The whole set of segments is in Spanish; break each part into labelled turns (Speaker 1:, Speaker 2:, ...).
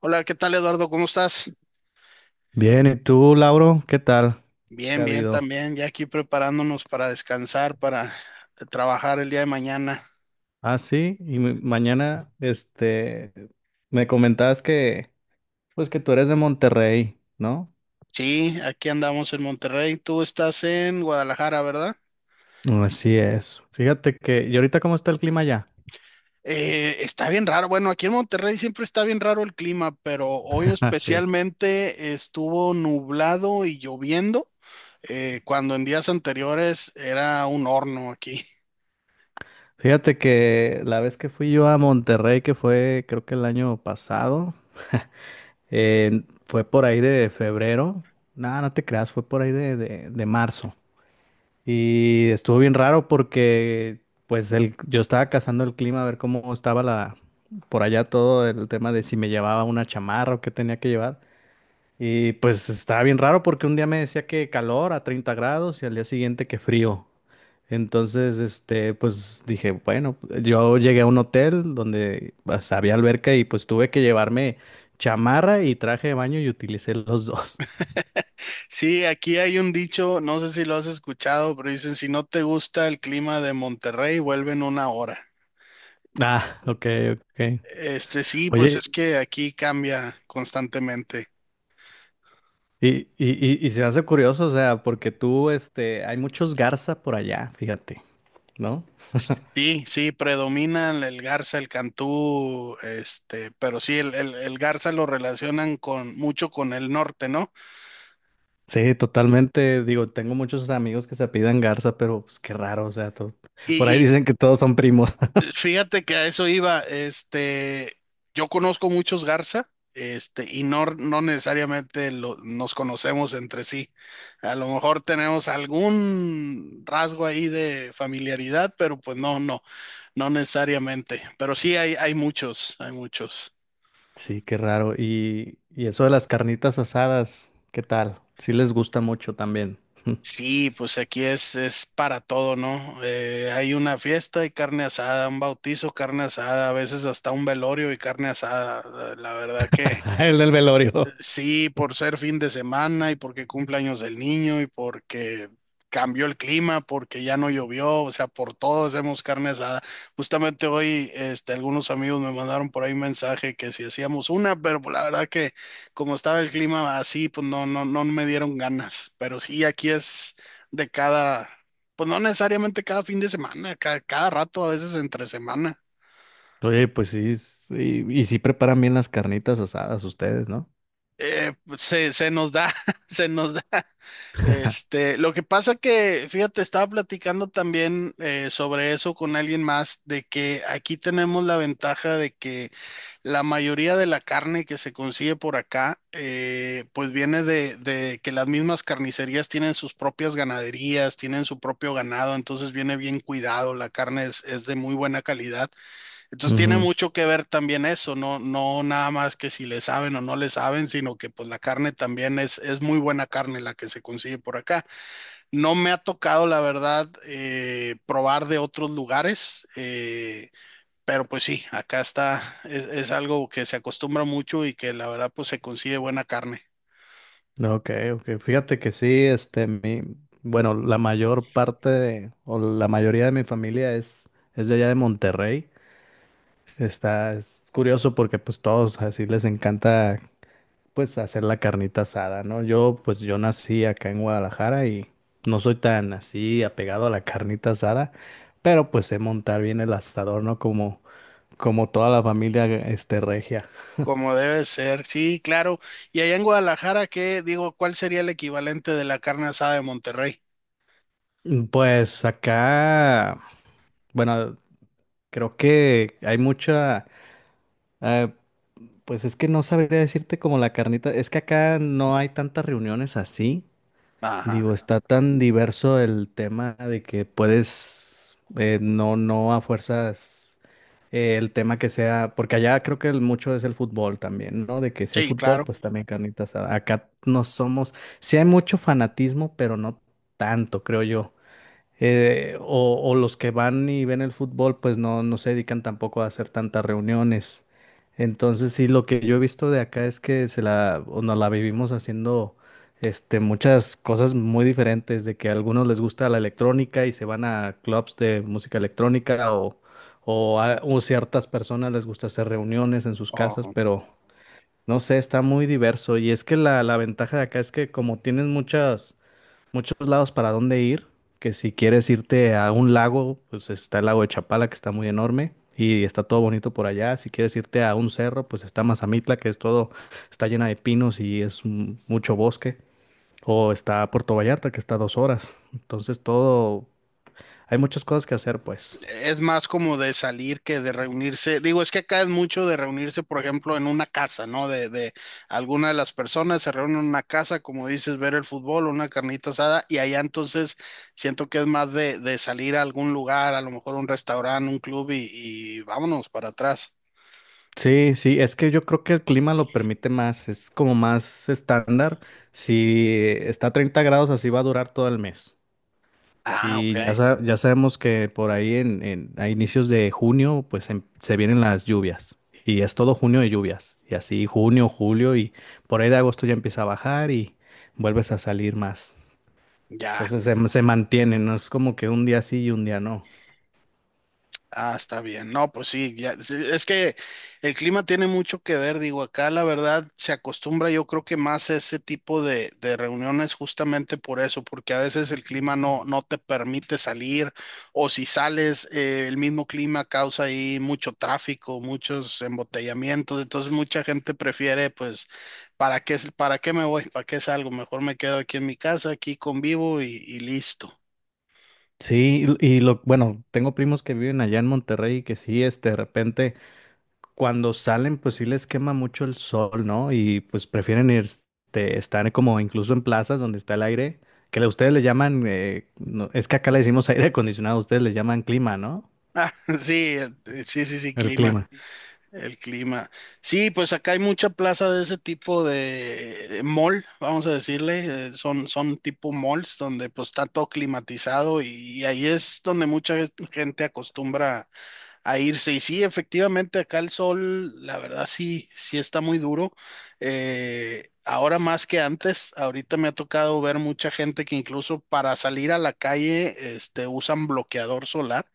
Speaker 1: Hola, ¿qué tal, Eduardo? ¿Cómo estás?
Speaker 2: Bien, ¿y tú, Lauro? ¿Qué tal? ¿Qué
Speaker 1: Bien,
Speaker 2: ha
Speaker 1: bien
Speaker 2: habido?
Speaker 1: también, ya aquí preparándonos para descansar, para trabajar el día de mañana.
Speaker 2: Ah, sí, y mañana, me comentabas que, pues que tú eres de Monterrey, ¿no?
Speaker 1: Sí, aquí andamos en Monterrey, tú estás en Guadalajara, ¿verdad?
Speaker 2: Así es. Fíjate que, ¿y ahorita cómo está el clima allá?
Speaker 1: Está bien raro, bueno, aquí en Monterrey siempre está bien raro el clima, pero hoy
Speaker 2: Ah, sí.
Speaker 1: especialmente estuvo nublado y lloviendo, cuando en días anteriores era un horno aquí.
Speaker 2: Fíjate que la vez que fui yo a Monterrey, que fue creo que el año pasado, fue por ahí de febrero. No, no te creas, fue por ahí de marzo. Y estuvo bien raro porque pues yo estaba cazando el clima a ver cómo estaba la por allá todo el tema de si me llevaba una chamarra o qué tenía que llevar. Y pues estaba bien raro porque un día me decía que calor a 30 grados y al día siguiente que frío. Entonces, pues dije, bueno, yo llegué a un hotel donde pues, había alberca y pues tuve que llevarme chamarra y traje de baño y utilicé los dos.
Speaker 1: Sí, aquí hay un dicho, no sé si lo has escuchado, pero dicen, si no te gusta el clima de Monterrey, vuelve en una hora.
Speaker 2: Ah, ok, ok.
Speaker 1: Este, sí, pues
Speaker 2: Oye,
Speaker 1: es que aquí cambia constantemente.
Speaker 2: y se me hace curioso, o sea, porque tú, hay muchos Garza por allá, fíjate, ¿no?
Speaker 1: Sí, sí, predominan el Garza, el Cantú, este, pero sí, el Garza lo relacionan con mucho con el norte, ¿no?
Speaker 2: Sí, totalmente, digo, tengo muchos amigos que se apidan Garza, pero pues qué raro, o sea, por ahí
Speaker 1: Y,
Speaker 2: dicen que todos son primos.
Speaker 1: Fíjate que a eso iba, este, yo conozco muchos Garza, este, y no, no necesariamente nos conocemos entre sí. A lo mejor tenemos algún rasgo ahí de familiaridad, pero pues no necesariamente. Pero sí hay muchos, hay muchos.
Speaker 2: Sí, qué raro. Y eso de las carnitas asadas, ¿qué tal? Sí les gusta mucho también.
Speaker 1: Sí, pues aquí es para todo, ¿no? Hay una fiesta y carne asada, un bautizo, carne asada, a veces hasta un velorio y carne asada. La verdad que
Speaker 2: El del velorio.
Speaker 1: sí, por ser fin de semana y porque cumpleaños del niño y porque cambió el clima, porque ya no llovió, o sea, por todo hacemos carne asada. Justamente hoy, este, algunos amigos me mandaron por ahí un mensaje que si hacíamos una, pero pues, la verdad que como estaba el clima así, pues no, no me dieron ganas. Pero sí, aquí es de cada, pues no necesariamente cada fin de semana, rato, a veces entre semana.
Speaker 2: Oye, pues sí, sí, y sí preparan bien las carnitas asadas ustedes, ¿no?
Speaker 1: Se, se nos da, se nos da. Este, lo que pasa que, fíjate, estaba platicando también sobre eso con alguien más, de que aquí tenemos la ventaja de que la mayoría de la carne que se consigue por acá, pues viene de que las mismas carnicerías tienen sus propias ganaderías, tienen su propio ganado, entonces viene bien cuidado, la carne es de muy buena calidad. Entonces tiene
Speaker 2: Ujú.
Speaker 1: mucho que ver también eso, no, no nada más que si le saben o no le saben, sino que pues la carne también es muy buena carne la que se consigue por acá. No me ha tocado, la verdad, probar de otros lugares, pero pues sí, acá está, es algo que se acostumbra mucho y que la verdad pues se consigue buena carne,
Speaker 2: Ok, ok. Fíjate que sí, bueno, la mayor parte o la mayoría de mi familia es de allá de Monterrey. Es curioso porque pues todos así les encanta pues hacer la carnita asada, ¿no? Yo pues yo nací acá en Guadalajara y no soy tan así apegado a la carnita asada, pero pues sé montar bien el asador, ¿no? Como toda la familia regia.
Speaker 1: como debe ser, sí, claro. Y allá en Guadalajara, ¿qué digo? ¿Cuál sería el equivalente de la carne asada de Monterrey?
Speaker 2: Pues acá, bueno, creo que hay mucha. Ah, pues es que no sabría decirte como la carnita. Es que acá no hay tantas reuniones así. Digo,
Speaker 1: Ajá,
Speaker 2: está tan diverso el tema de que puedes, no, no a fuerzas el tema que sea, porque allá creo que el mucho es el fútbol también, ¿no? De que si hay
Speaker 1: sí,
Speaker 2: fútbol,
Speaker 1: claro.
Speaker 2: pues también carnitas. Acá no somos, sí hay mucho fanatismo, pero no tanto, creo yo. O los que van y ven el fútbol, pues no se dedican tampoco a hacer tantas reuniones. Entonces, sí, lo que yo he visto de acá es que se la, o nos la vivimos haciendo muchas cosas muy diferentes, de que a algunos les gusta la electrónica y se van a clubs de música electrónica, o ciertas personas les gusta hacer reuniones en sus casas, pero no sé, está muy diverso. Y es que la ventaja de acá es que como tienes muchas muchos lados para dónde ir, que si quieres irte a un lago, pues está el lago de Chapala, que está muy enorme y está todo bonito por allá. Si quieres irte a un cerro, pues está Mazamitla, que es todo, está llena de pinos y es mucho bosque. O está Puerto Vallarta, que está a 2 horas. Entonces todo, hay muchas cosas que hacer, pues.
Speaker 1: Es más como de salir que de reunirse. Digo, es que acá es mucho de reunirse, por ejemplo, en una casa, ¿no? De alguna de las personas se reúnen en una casa, como dices, ver el fútbol, una carnita asada, y allá entonces siento que es más de salir a algún lugar, a lo mejor un restaurante, un club, y vámonos para atrás.
Speaker 2: Sí, sí, es que yo creo que el clima lo permite más, es como más estándar. Si está a 30 grados, así va a durar todo el mes.
Speaker 1: Ah, ok,
Speaker 2: Y ya, ya sabemos que por ahí en, a inicios de junio, pues se vienen las lluvias. Y es todo junio de lluvias. Y así junio, julio y por ahí de agosto ya empieza a bajar y vuelves a salir más.
Speaker 1: ya.
Speaker 2: Entonces se mantiene, no es como que un día sí y un día no.
Speaker 1: Ah, está bien. No, pues sí, ya, sí, es que el clima tiene mucho que ver, digo, acá la verdad se acostumbra yo creo que más a ese tipo de reuniones justamente por eso, porque a veces el clima no, no te permite salir o si sales, el mismo clima causa ahí mucho tráfico, muchos embotellamientos, entonces mucha gente prefiere pues, para qué me voy? ¿Para qué salgo? Mejor me quedo aquí en mi casa, aquí convivo y listo.
Speaker 2: Sí, y bueno, tengo primos que viven allá en Monterrey que sí, de repente. Cuando salen, pues sí les quema mucho el sol, ¿no? Y pues prefieren ir, estar como incluso en plazas donde está el aire, que ustedes le llaman, no, es que acá le decimos aire acondicionado, ustedes le llaman clima, ¿no?
Speaker 1: Ah, sí, sí, sí, sí,
Speaker 2: El
Speaker 1: clima.
Speaker 2: clima.
Speaker 1: El clima. Sí, pues acá hay mucha plaza de ese tipo de mall, vamos a decirle. Son, son tipo malls donde pues está todo climatizado y ahí es donde mucha gente acostumbra a irse. Y sí, efectivamente, acá el sol, la verdad sí, sí está muy duro. Ahora más que antes, ahorita me ha tocado ver mucha gente que incluso para salir a la calle, este, usan bloqueador solar,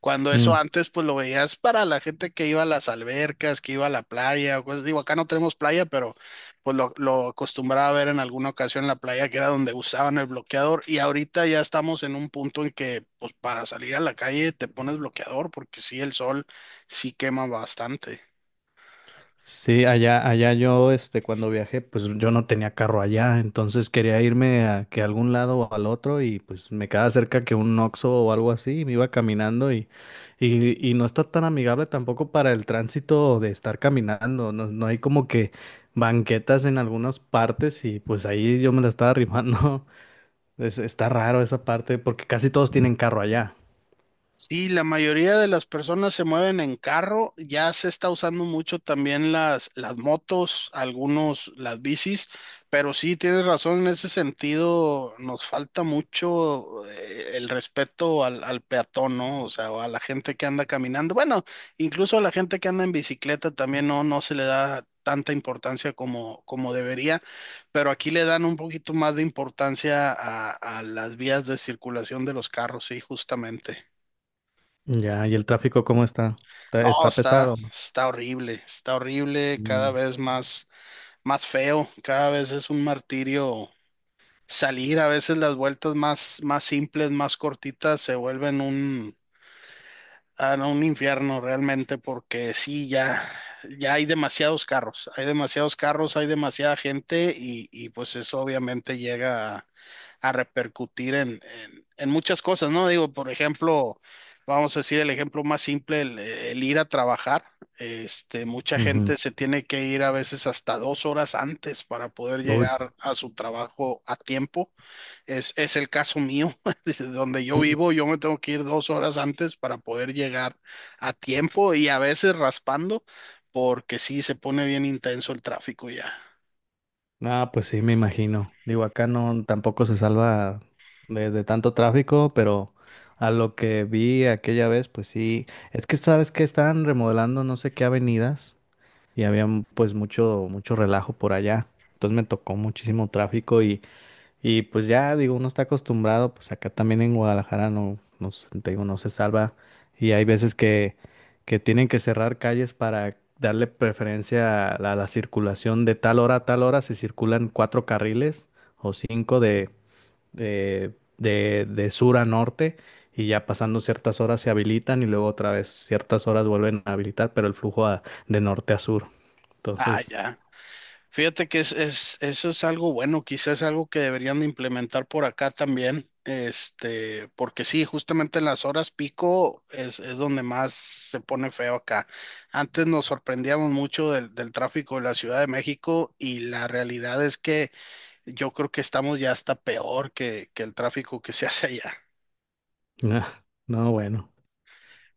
Speaker 1: cuando eso
Speaker 2: Mm.
Speaker 1: antes pues lo veías para la gente que iba a las albercas, que iba a la playa, o cosas. Digo, acá no tenemos playa, pero pues lo acostumbraba a ver en alguna ocasión en la playa, que era donde usaban el bloqueador, y ahorita ya estamos en un punto en que, pues para salir a la calle te pones bloqueador, porque sí, el sol sí quema bastante.
Speaker 2: Sí, allá yo, cuando viajé, pues yo no tenía carro allá, entonces quería irme a que algún lado o al otro y pues me quedaba cerca que un Oxxo o algo así, me iba caminando y no está tan amigable tampoco para el tránsito de estar caminando, no hay como que banquetas en algunas partes y pues ahí yo me la estaba rifando. Está raro esa parte porque casi todos tienen carro allá.
Speaker 1: Sí, la mayoría de las personas se mueven en carro, ya se está usando mucho también las motos, algunos las bicis, pero sí tienes razón en ese sentido, nos falta mucho el respeto al, al peatón, ¿no? O sea, o a la gente que anda caminando, bueno, incluso a la gente que anda en bicicleta también no, no se le da tanta importancia como, como debería, pero aquí le dan un poquito más de importancia a las vías de circulación de los carros, sí, justamente.
Speaker 2: Ya, y el tráfico, ¿cómo está?
Speaker 1: No,
Speaker 2: Está
Speaker 1: está,
Speaker 2: pesado.
Speaker 1: está horrible, cada
Speaker 2: Mm,
Speaker 1: vez más, más feo, cada vez es un martirio salir, a veces las vueltas más, más simples, más cortitas, se vuelven un, a un infierno realmente, porque sí, ya, ya hay demasiados carros, hay demasiados carros, hay demasiada gente y pues eso obviamente llega a, a repercutir en muchas cosas, ¿no? Digo, por ejemplo, vamos a decir el ejemplo más simple, el ir a trabajar. Este, mucha
Speaker 2: ujú.
Speaker 1: gente se tiene que ir a veces hasta 2 horas antes para poder
Speaker 2: Uy.
Speaker 1: llegar a su trabajo a tiempo es el caso mío, de donde yo vivo, yo me tengo que ir 2 horas antes para poder llegar a tiempo y a veces raspando, porque sí se pone bien intenso el tráfico ya.
Speaker 2: Ah, pues sí, me imagino. Digo, acá no tampoco se salva de tanto tráfico, pero a lo que vi aquella vez, pues sí. Es que sabes que estaban remodelando no sé qué avenidas y había pues mucho, mucho relajo por allá. Entonces me tocó muchísimo tráfico y pues ya, digo, uno está acostumbrado, pues acá también en Guadalajara no, te digo, no se salva. Y hay veces que tienen que cerrar calles para darle preferencia a la circulación de tal hora a tal hora. Se circulan 4 carriles o 5 de sur a norte y ya pasando ciertas horas se habilitan y luego otra vez ciertas horas vuelven a habilitar, pero el flujo de norte a sur.
Speaker 1: Ah,
Speaker 2: Entonces,
Speaker 1: ya. Fíjate que es, eso es algo bueno, quizás algo que deberían de implementar por acá también, este, porque sí, justamente en las horas pico es donde más se pone feo acá. Antes nos sorprendíamos mucho del, del tráfico de la Ciudad de México y la realidad es que yo creo que estamos ya hasta peor que el tráfico que se hace allá.
Speaker 2: no, bueno,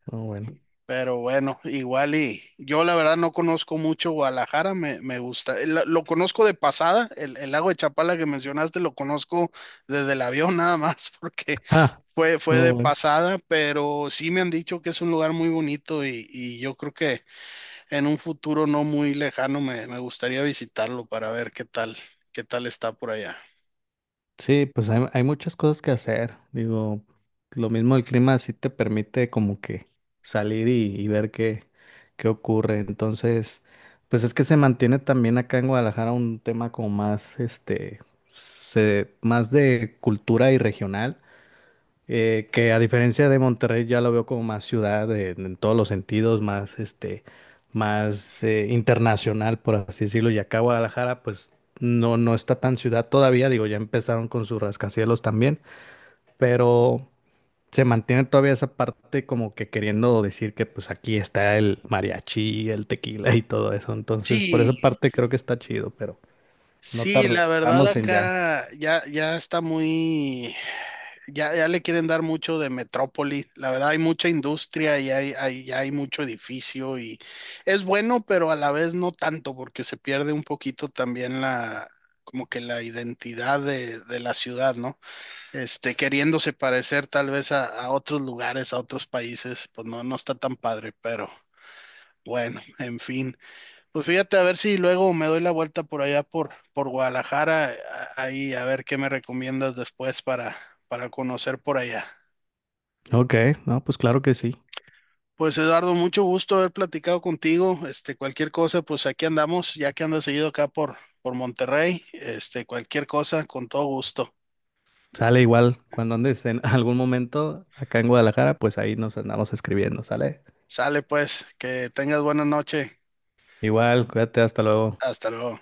Speaker 2: no bueno.
Speaker 1: Pero bueno, igual y yo la verdad no conozco mucho Guadalajara, me gusta. Conozco de pasada, el lago de Chapala que mencionaste lo conozco desde el avión nada más, porque
Speaker 2: Ah,
Speaker 1: fue, fue
Speaker 2: no
Speaker 1: de
Speaker 2: bueno.
Speaker 1: pasada, pero sí me han dicho que es un lugar muy bonito y yo creo que en un futuro no muy lejano me, me gustaría visitarlo para ver qué tal está por allá.
Speaker 2: Sí, pues hay muchas cosas que hacer. Digo, lo mismo el clima sí te permite como que salir y ver qué ocurre. Entonces, pues es que se mantiene también acá en Guadalajara un tema como más, más de cultura y regional que a diferencia de Monterrey ya lo veo como más ciudad en todos los sentidos, más más internacional, por así decirlo. Y acá Guadalajara, pues no está tan ciudad todavía, digo, ya empezaron con sus rascacielos también, pero se mantiene todavía esa parte como que queriendo decir que pues aquí está el mariachi, el tequila y todo eso. Entonces, por esa
Speaker 1: Sí,
Speaker 2: parte creo que está chido, pero no
Speaker 1: sí, la verdad
Speaker 2: tardamos en ya.
Speaker 1: acá ya, ya está muy, ya, ya le quieren dar mucho de metrópoli. La verdad hay mucha industria y hay, ya hay mucho edificio y es bueno, pero a la vez no tanto porque se pierde un poquito también la, como que la identidad de la ciudad, ¿no? Este, queriéndose parecer tal vez a otros lugares, a otros países, pues no, no está tan padre, pero bueno, en fin. Pues fíjate, a ver si luego me doy la vuelta por allá por Guadalajara, ahí a ver qué me recomiendas después para conocer por allá.
Speaker 2: Ok, no, pues claro que sí.
Speaker 1: Pues Eduardo, mucho gusto haber platicado contigo. Este, cualquier cosa, pues aquí andamos, ya que andas seguido acá por Monterrey. Este, cualquier cosa, con todo gusto.
Speaker 2: Sale igual, cuando andes en algún momento acá en Guadalajara, pues ahí nos andamos escribiendo, ¿sale?
Speaker 1: Sale pues, que tengas buena noche.
Speaker 2: Igual, cuídate, hasta luego.
Speaker 1: Hasta luego.